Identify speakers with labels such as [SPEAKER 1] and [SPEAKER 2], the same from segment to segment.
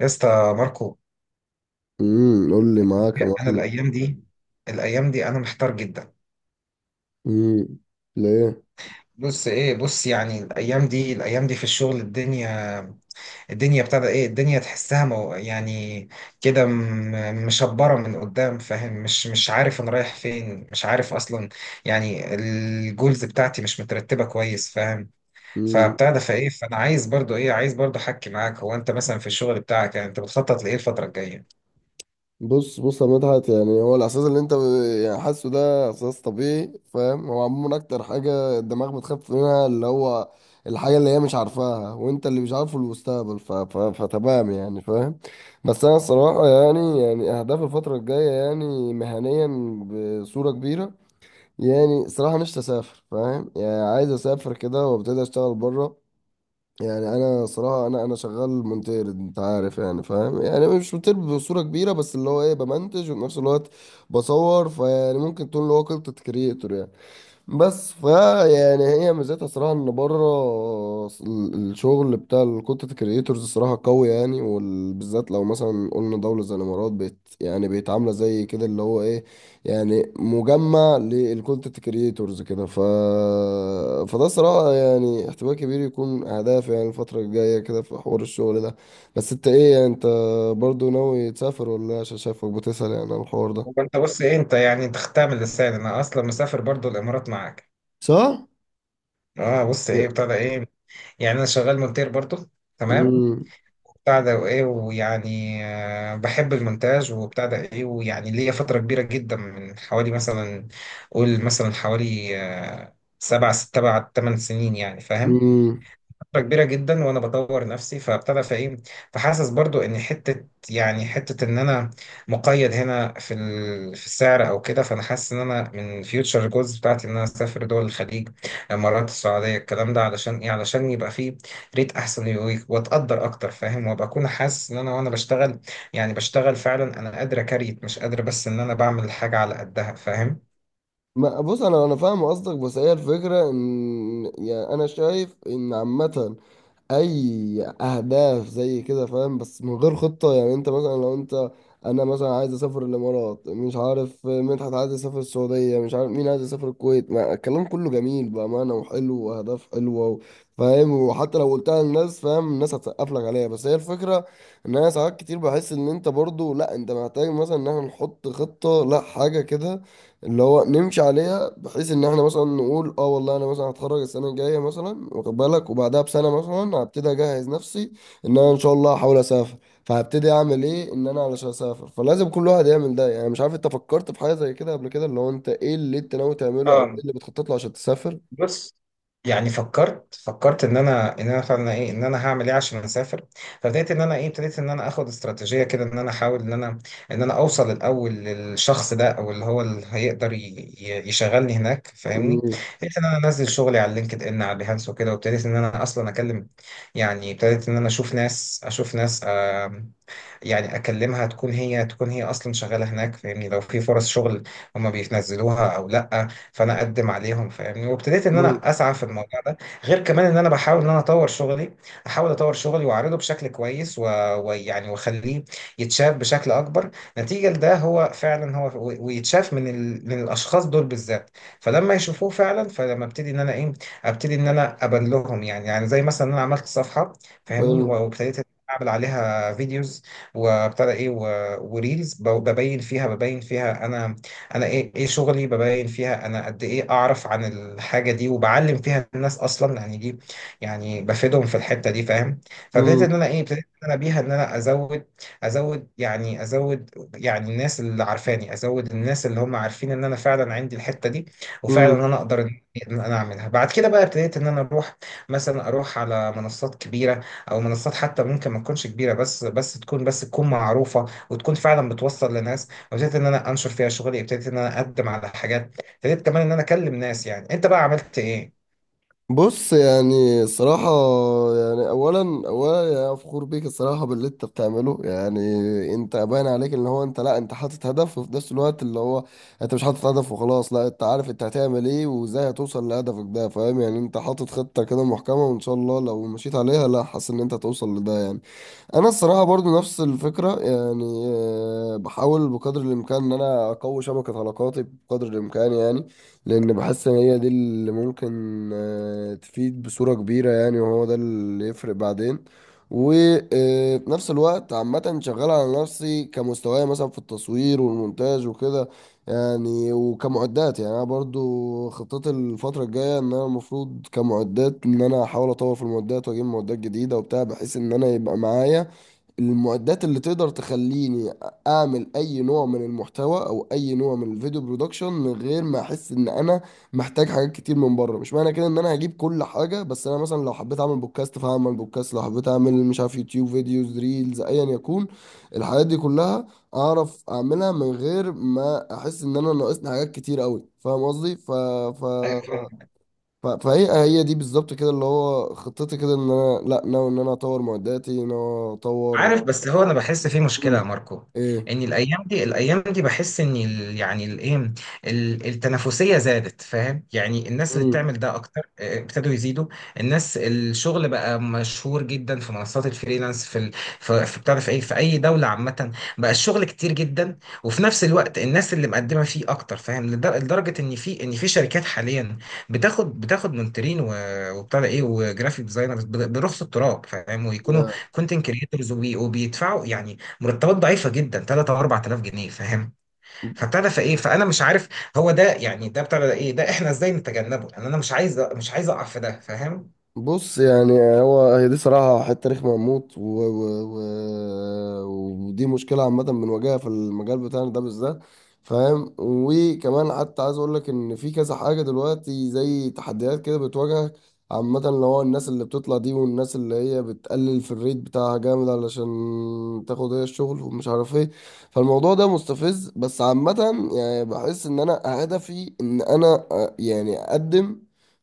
[SPEAKER 1] يا اسطى ماركو،
[SPEAKER 2] قول لي معاك يا
[SPEAKER 1] انا
[SPEAKER 2] معلم.
[SPEAKER 1] الايام دي الايام دي انا محتار جدا.
[SPEAKER 2] امم ليه؟
[SPEAKER 1] بص يعني الايام دي في الشغل، الدنيا ابتدى ايه، الدنيا تحسها مو يعني كده مشبره من قدام، فاهم؟ مش عارف انا رايح فين، مش عارف اصلا. يعني الجولز بتاعتي مش مترتبه كويس، فاهم؟
[SPEAKER 2] امم
[SPEAKER 1] فابتدى فايه فانا عايز برضو ايه، عايز برضو احكي معاك. هو انت مثلا في الشغل بتاعك يعني انت بتخطط لايه الفتره الجايه؟
[SPEAKER 2] بص بص يا مدحت، يعني هو الاحساس اللي انت يعني حاسه ده احساس طبيعي، فاهم؟ هو عموما اكتر حاجه الدماغ بتخاف منها اللي هو الحاجه اللي هي مش عارفاها، وانت اللي مش عارفه المستقبل ف... ف... فتمام يعني، فاهم؟ بس انا الصراحه يعني اهداف الفتره الجايه يعني مهنيا بصوره كبيره. يعني صراحه نفسي اسافر، فاهم؟ يعني عايز اسافر كده وابتدي اشتغل بره. يعني انا صراحه انا شغال مونتير، انت عارف يعني، فاهم؟ يعني مش مونتير بصوره كبيره، بس اللي هو ايه، بمنتج وفي نفس الوقت بصور، فيعني ممكن تقول اللي هو كونتنت كريتور يعني. بس فا يعني هي ميزتها صراحة ان بره الشغل بتاع الكونتنت كريتورز صراحة قوي يعني، وبالذات لو مثلا قلنا دولة زي الامارات يعني بيتعاملة زي كده اللي هو ايه، يعني مجمع للكونتنت كريتورز كده. فده صراحة يعني احتمال كبير يكون اهداف يعني الفترة الجاية كده في حوار الشغل ده. بس انت ايه يعني، انت برضو ناوي تسافر ولا إيه؟ عشان شايفك بتسأل يعني على الحوار
[SPEAKER 1] هو
[SPEAKER 2] ده.
[SPEAKER 1] انت بص ايه انت يعني انت خدتها من لساني، انا اصلا مسافر برضو الامارات معاك.
[SPEAKER 2] صح؟
[SPEAKER 1] اه بص
[SPEAKER 2] Yeah.
[SPEAKER 1] ايه بتاع ده ايه، يعني انا شغال مونتير برضو، تمام.
[SPEAKER 2] امم
[SPEAKER 1] بتاع ده وايه، ويعني آه، بحب المونتاج وبتاع ده ايه، ويعني ليا فتره كبيره جدا من حوالي مثلا، قول مثلا حوالي آه، سبع ست سبع 8 سنين، يعني فاهم؟
[SPEAKER 2] امم
[SPEAKER 1] فترة كبيرة جدا وانا بدور نفسي. فابتدى فايه فحاسس برضو ان حتة، يعني حتة ان انا مقيد هنا في في السعر او كده. فانا حاسس ان انا من فيوتشر جولز بتاعتي ان انا اسافر دول الخليج، الامارات، السعودية، الكلام ده، علشان ايه؟ علشان يبقى فيه ريت احسن واتقدر اكتر، فاهم؟ وابقى اكون حاسس ان انا وانا بشتغل يعني، بشتغل فعلا انا قادر اكريت، مش قادر بس ان انا بعمل حاجة على قدها، فاهم؟
[SPEAKER 2] ما بص، انا فاهم قصدك، بس هي الفكره ان يعني انا شايف ان عامه اي اهداف زي كده، فاهم؟ بس من غير خطه. يعني انت مثلا لو انت، انا مثلا عايز اسافر الامارات، مش عارف مدحت عايز يسافر السعوديه، مش عارف مين عايز يسافر الكويت، ما الكلام كله جميل بامانه وحلو واهداف حلوه فاهم؟ وحتى لو قلتها للناس، فاهم؟ الناس هتسقف لك عليها. بس هي الفكره ان انا ساعات كتير بحس ان انت برضو لا، انت محتاج مثلا ان احنا نحط خطه لا حاجه كده اللي هو نمشي عليها، بحيث ان احنا مثلا نقول اه والله انا مثلا هتخرج السنه الجايه مثلا، واخد بالك، وبعدها بسنه مثلا هبتدي اجهز نفسي ان انا ان شاء الله هحاول اسافر، فهبتدي اعمل ايه ان انا علشان اسافر. فلازم كل واحد يعمل ده. يعني مش عارف انت فكرت في حاجه زي كده قبل كده، اللي هو انت ايه اللي انت ناوي تعمله او
[SPEAKER 1] اه
[SPEAKER 2] ايه اللي بتخطط له عشان تسافر؟
[SPEAKER 1] بص، يعني فكرت ان انا فعلا ايه، ان انا هعمل ايه عشان اسافر. فبدات ان انا ايه، ابتديت ان انا اخد استراتيجيه كده، ان انا احاول ان انا اوصل الاول للشخص ده، او اللي هو اللي هيقدر يشغلني هناك، فاهمني؟
[SPEAKER 2] امم
[SPEAKER 1] ابتديت ان انا انزل شغلي على لينكد ان، على بيهانس وكده، وابتديت ان انا اصلا اكلم. يعني ابتديت ان انا اشوف ناس يعني اكلمها، تكون هي اصلا شغاله هناك، فاهمني؟ لو في فرص شغل هم بينزلوها او لا، فانا اقدم عليهم، فاهمني؟ وابتديت ان
[SPEAKER 2] امم
[SPEAKER 1] انا اسعى في الموضوع ده. غير كمان ان انا بحاول ان انا اطور شغلي، احاول اطور شغلي واعرضه بشكل كويس ويعني واخليه يتشاف بشكل اكبر نتيجه لده، هو فعلا هو ويتشاف من من الاشخاص دول بالذات. فلما يشوفوه فعلا، فلما ابتدي ان انا ايه، ابتدي ان انا ابان لهم، يعني يعني زي مثلا إن انا عملت صفحه،
[SPEAKER 2] حلو.
[SPEAKER 1] فاهمني؟ وابتديت اعمل عليها فيديوز، وابتدى ايه وريلز، ببين فيها انا، انا ايه، ايه شغلي، ببين فيها انا قد ايه اعرف عن الحاجه دي، وبعلم فيها الناس اصلا، يعني دي يعني بفيدهم في الحته دي، فاهم؟ فابتديت ان انا ايه، ابتديت ان انا بيها ان انا ازود يعني ازود يعني الناس اللي عارفاني، ازود الناس اللي هم عارفين ان انا فعلا عندي الحته دي، وفعلا
[SPEAKER 2] امم
[SPEAKER 1] ان انا اقدر ان إن انا اعملها. بعد كده بقى ابتديت ان انا اروح مثلا، اروح على منصات كبيره، او منصات حتى ممكن ما تكونش كبيره، بس تكون معروفه وتكون فعلا بتوصل لناس، وابتديت ان انا انشر فيها شغلي، ابتديت ان انا اقدم على حاجات، ابتديت كمان ان انا اكلم ناس. يعني انت بقى عملت ايه؟
[SPEAKER 2] بص، يعني الصراحة يعني أولا يعني فخور بيك الصراحة باللي أنت بتعمله يعني. أنت باين عليك إن هو أنت، لأ، أنت حاطط هدف، وفي نفس الوقت اللي هو أنت مش حاطط هدف وخلاص، لأ، أنت عارف أنت هتعمل إيه وإزاي هتوصل لهدفك ده، فاهم يعني؟ أنت حاطط خطة كده محكمة، وإن شاء الله لو مشيت عليها، لأ، حاسس إن أنت هتوصل لده يعني. انا الصراحه برضو نفس الفكره، يعني بحاول بقدر الامكان ان انا اقوي شبكه علاقاتي بقدر الامكان يعني، لان بحس ان هي دي اللي ممكن تفيد بصوره كبيره يعني، وهو ده اللي يفرق بعدين. وفي نفس الوقت عامة شغال على نفسي كمستواي مثلا في التصوير والمونتاج وكده يعني، وكمعدات. يعني أنا برضو خطتي الفترة الجاية إن أنا المفروض كمعدات إن أنا أحاول أطور في المعدات، وأجيب معدات جديدة وبتاع، بحيث إن أنا يبقى معايا المعدات اللي تقدر تخليني اعمل اي نوع من المحتوى او اي نوع من الفيديو برودكشن من غير ما احس ان انا محتاج حاجات كتير من بره. مش معنى كده ان انا هجيب كل حاجه، بس انا مثلا لو حبيت اعمل بودكاست فهعمل بودكاست، لو حبيت اعمل مش عارف يوتيوب فيديوز، ريلز، ايا يكون، الحاجات دي كلها اعرف اعملها من غير ما احس ان انا ناقصني حاجات كتير قوي، فاهم قصدي؟
[SPEAKER 1] أيوة.
[SPEAKER 2] فهي هي دي بالظبط كده اللي هو خطتي كده ان انا لا ناوي ان انا اطور معداتي، ناوي اطور.
[SPEAKER 1] عارف، بس هو انا بحس في مشكله يا
[SPEAKER 2] امم
[SPEAKER 1] ماركو.
[SPEAKER 2] ايه؟
[SPEAKER 1] ان الايام دي الايام دي بحس ان ال يعني الايه، التنافسيه زادت، فاهم؟ يعني الناس اللي
[SPEAKER 2] امم
[SPEAKER 1] بتعمل ده اكتر آه، ابتدوا يزيدوا. الناس الشغل بقى مشهور جدا في منصات الفريلانس، في في بتعرف ايه، في اي دوله عامه. بقى الشغل كتير جدا، وفي نفس الوقت الناس اللي مقدمه فيه اكتر، فاهم؟ لدرجه ان في، ان في شركات حاليا بتاخد مونترين وبتاع ده ايه، وجرافيك ديزاينرز برخص التراب، فاهم؟ ويكونوا
[SPEAKER 2] يا
[SPEAKER 1] كونتنت كريتورز، وبيدفعوا يعني مرتبات ضعيفه جدا، 3 او 4000 جنيه، فاهم؟ فابتدى فايه فانا مش عارف هو ده يعني، ده ابتدى ايه، ده احنا ازاي نتجنبه، لان انا مش عايز اقع في ده، فاهم؟
[SPEAKER 2] بص، يعني هو هي دي صراحة حتة رخمة موت، و... ودي مشكلة عامة بنواجهها في المجال بتاعنا ده بالذات، فاهم؟ وكمان حتى عايز أقول لك إن في كذا حاجة دلوقتي زي تحديات كده بتواجهك عامة، اللي هو الناس اللي بتطلع دي والناس اللي هي بتقلل في الريت بتاعها جامد علشان تاخد هي الشغل، ومش عارف ايه. فالموضوع ده مستفز، بس عامة يعني بحس إن أنا هدفي إن أنا يعني أقدم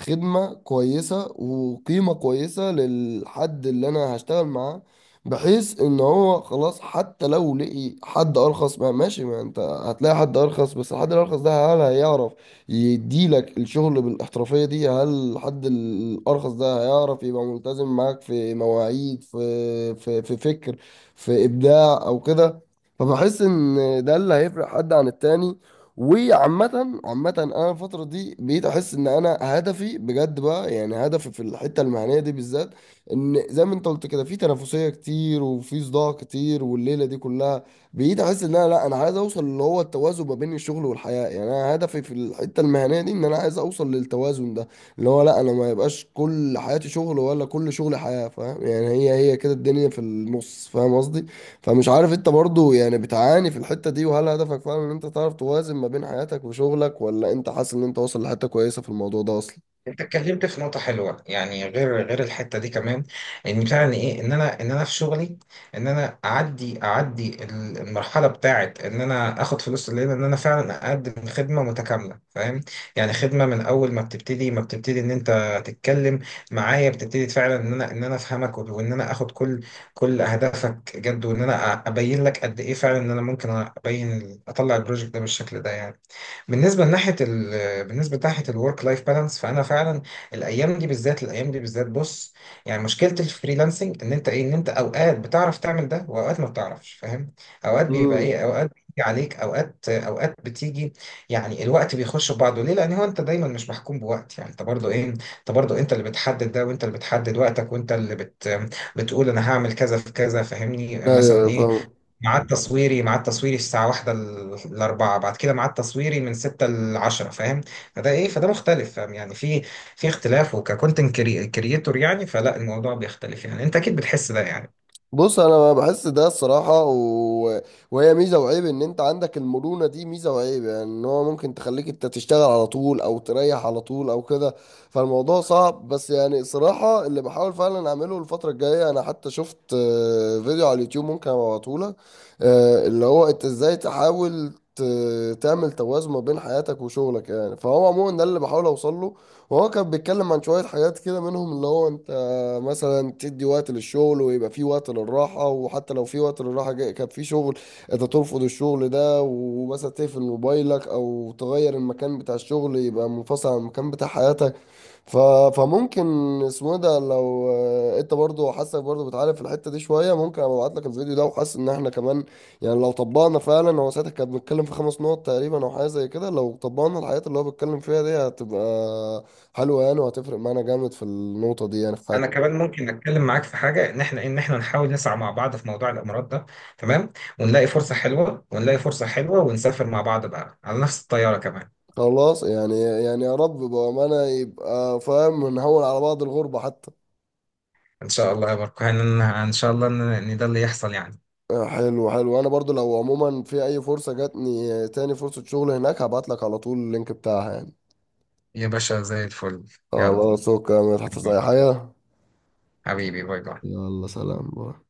[SPEAKER 2] خدمة كويسة وقيمة كويسة للحد اللي أنا هشتغل معاه، بحيث إن هو خلاص حتى لو لقي حد أرخص، ما ماشي، ما أنت هتلاقي حد أرخص، بس الحد الأرخص ده هل هيعرف يديلك الشغل بالاحترافية دي؟ هل الحد الأرخص ده هيعرف يبقى ملتزم معاك في مواعيد، في في فكر، في إبداع أو كده؟ فبحس إن ده اللي هيفرق حد عن التاني. وعامة انا الفترة دي بقيت احس ان انا هدفي بجد بقى، يعني هدفي في الحتة المهنية دي بالذات، ان زي ما انت قلت كده، في تنافسية كتير وفي صداع كتير والليلة دي كلها، بقيت احس ان انا لا، انا عايز اوصل اللي هو التوازن ما بين الشغل والحياة. يعني انا هدفي في الحتة المهنية دي ان انا عايز اوصل للتوازن ده، اللي هو لا انا ما يبقاش كل حياتي شغل ولا كل شغلي حياة، فاهم يعني؟ هي كده الدنيا في النص، فاهم قصدي؟ فمش عارف انت برضو يعني بتعاني في الحتة دي، وهل هدفك فعلا ان انت تعرف توازن ما بين حياتك وشغلك، ولا انت حاسس ان انت واصل لحتة كويسة في الموضوع ده اصلا؟
[SPEAKER 1] انت اتكلمت في نقطة حلوة يعني، غير الحتة دي كمان، ان فعلا ايه، ان انا في شغلي، ان انا اعدي المرحلة بتاعت ان انا اخد فلوس الليلة، ان انا فعلا اقدم خدمة متكاملة، فاهم؟ يعني خدمة من اول ما بتبتدي ان انت تتكلم معايا، بتبتدي فعلا ان انا افهمك، وان انا اخد كل اهدافك جد، وان انا ابين لك قد ايه فعلا ان انا ممكن ابين اطلع البروجكت ده بالشكل ده يعني. بالنسبه لناحيه بالنسبه لناحيه الورك لايف بالانس، فانا فعلا الايام دي بالذات بص، يعني مشكله الفريلانسنج ان انت ايه، ان انت اوقات بتعرف تعمل ده، واوقات ما بتعرفش، فاهم؟ اوقات بيبقى
[SPEAKER 2] امم
[SPEAKER 1] ايه، اوقات بيجي عليك، اوقات بتيجي يعني، الوقت بيخش في بعضه. ليه؟ لان هو انت دايما مش محكوم بوقت يعني، انت برضه ايه، انت برضه انت اللي بتحدد ده، وانت اللي بتحدد وقتك، وانت اللي بتقول انا هعمل كذا في كذا، فاهمني؟
[SPEAKER 2] ايوه
[SPEAKER 1] مثلا
[SPEAKER 2] ايوه
[SPEAKER 1] ايه،
[SPEAKER 2] فاهم.
[SPEAKER 1] ميعاد تصويري الساعة واحدة لأربعة، بعد كده ميعاد تصويري من ستة لعشرة، فاهم؟ فده مختلف، فاهم؟ يعني في اختلاف، وككونتنت كريتور يعني، فلا الموضوع بيختلف، يعني أنت أكيد بتحس ده يعني.
[SPEAKER 2] بص انا بحس ده الصراحه، وهي ميزه وعيب ان انت عندك المرونه دي، ميزه وعيب يعني. ان هو ممكن تخليك انت تشتغل على طول او تريح على طول او كده. فالموضوع صعب، بس يعني الصراحه اللي بحاول فعلا اعمله الفتره الجايه، انا حتى شفت فيديو على اليوتيوب ممكن ابعته لك، اللي هو انت ازاي تحاول تعمل توازن ما بين حياتك وشغلك يعني. فهو عموما ده اللي بحاول اوصله، وهو كان بيتكلم عن شوية حاجات كده منهم اللي هو انت مثلا تدي وقت للشغل ويبقى في وقت للراحة، وحتى لو في وقت للراحة كان في شغل انت ترفض الشغل ده، ومثلا تقفل موبايلك او تغير المكان بتاع الشغل يبقى منفصل عن المكان بتاع حياتك. ف... فممكن اسمه ده لو انت برضو حاسك برضو بتعاني في الحته دي شويه، ممكن ابقى ابعت لك الفيديو ده، وحاسس ان احنا كمان يعني لو طبقنا فعلا، هو ساعتها كان بيتكلم في خمس نقط تقريبا او حاجه زي كده، لو طبقنا الحاجات اللي هو بيتكلم فيها دي هتبقى حلوه يعني، وهتفرق معانا جامد في النقطه دي يعني في
[SPEAKER 1] أنا
[SPEAKER 2] حياتنا.
[SPEAKER 1] كمان ممكن أتكلم معاك في حاجة، إن إحنا نحاول نسعى مع بعض في موضوع الإمارات ده، تمام؟ ونلاقي فرصة حلوة ونسافر مع بعض بقى على نفس الطيارة كمان.
[SPEAKER 2] خلاص يعني، يعني يا رب بامانه يبقى، فاهم؟ نهون على بعض الغربه حتى.
[SPEAKER 1] إن شاء الله يا ماركو، إن شاء الله إن ده اللي يحصل يعني.
[SPEAKER 2] حلو حلو، انا برضو لو عموما في اي فرصه جاتني تاني فرصه شغل هناك هبعت لك على طول اللينك بتاعها يعني.
[SPEAKER 1] يا باشا زي الفل. يلا، باي
[SPEAKER 2] خلاص، اوكي، مش هتحتاج
[SPEAKER 1] باي.
[SPEAKER 2] اي حاجة.
[SPEAKER 1] حبيبي باي باي.
[SPEAKER 2] يلا سلام باي.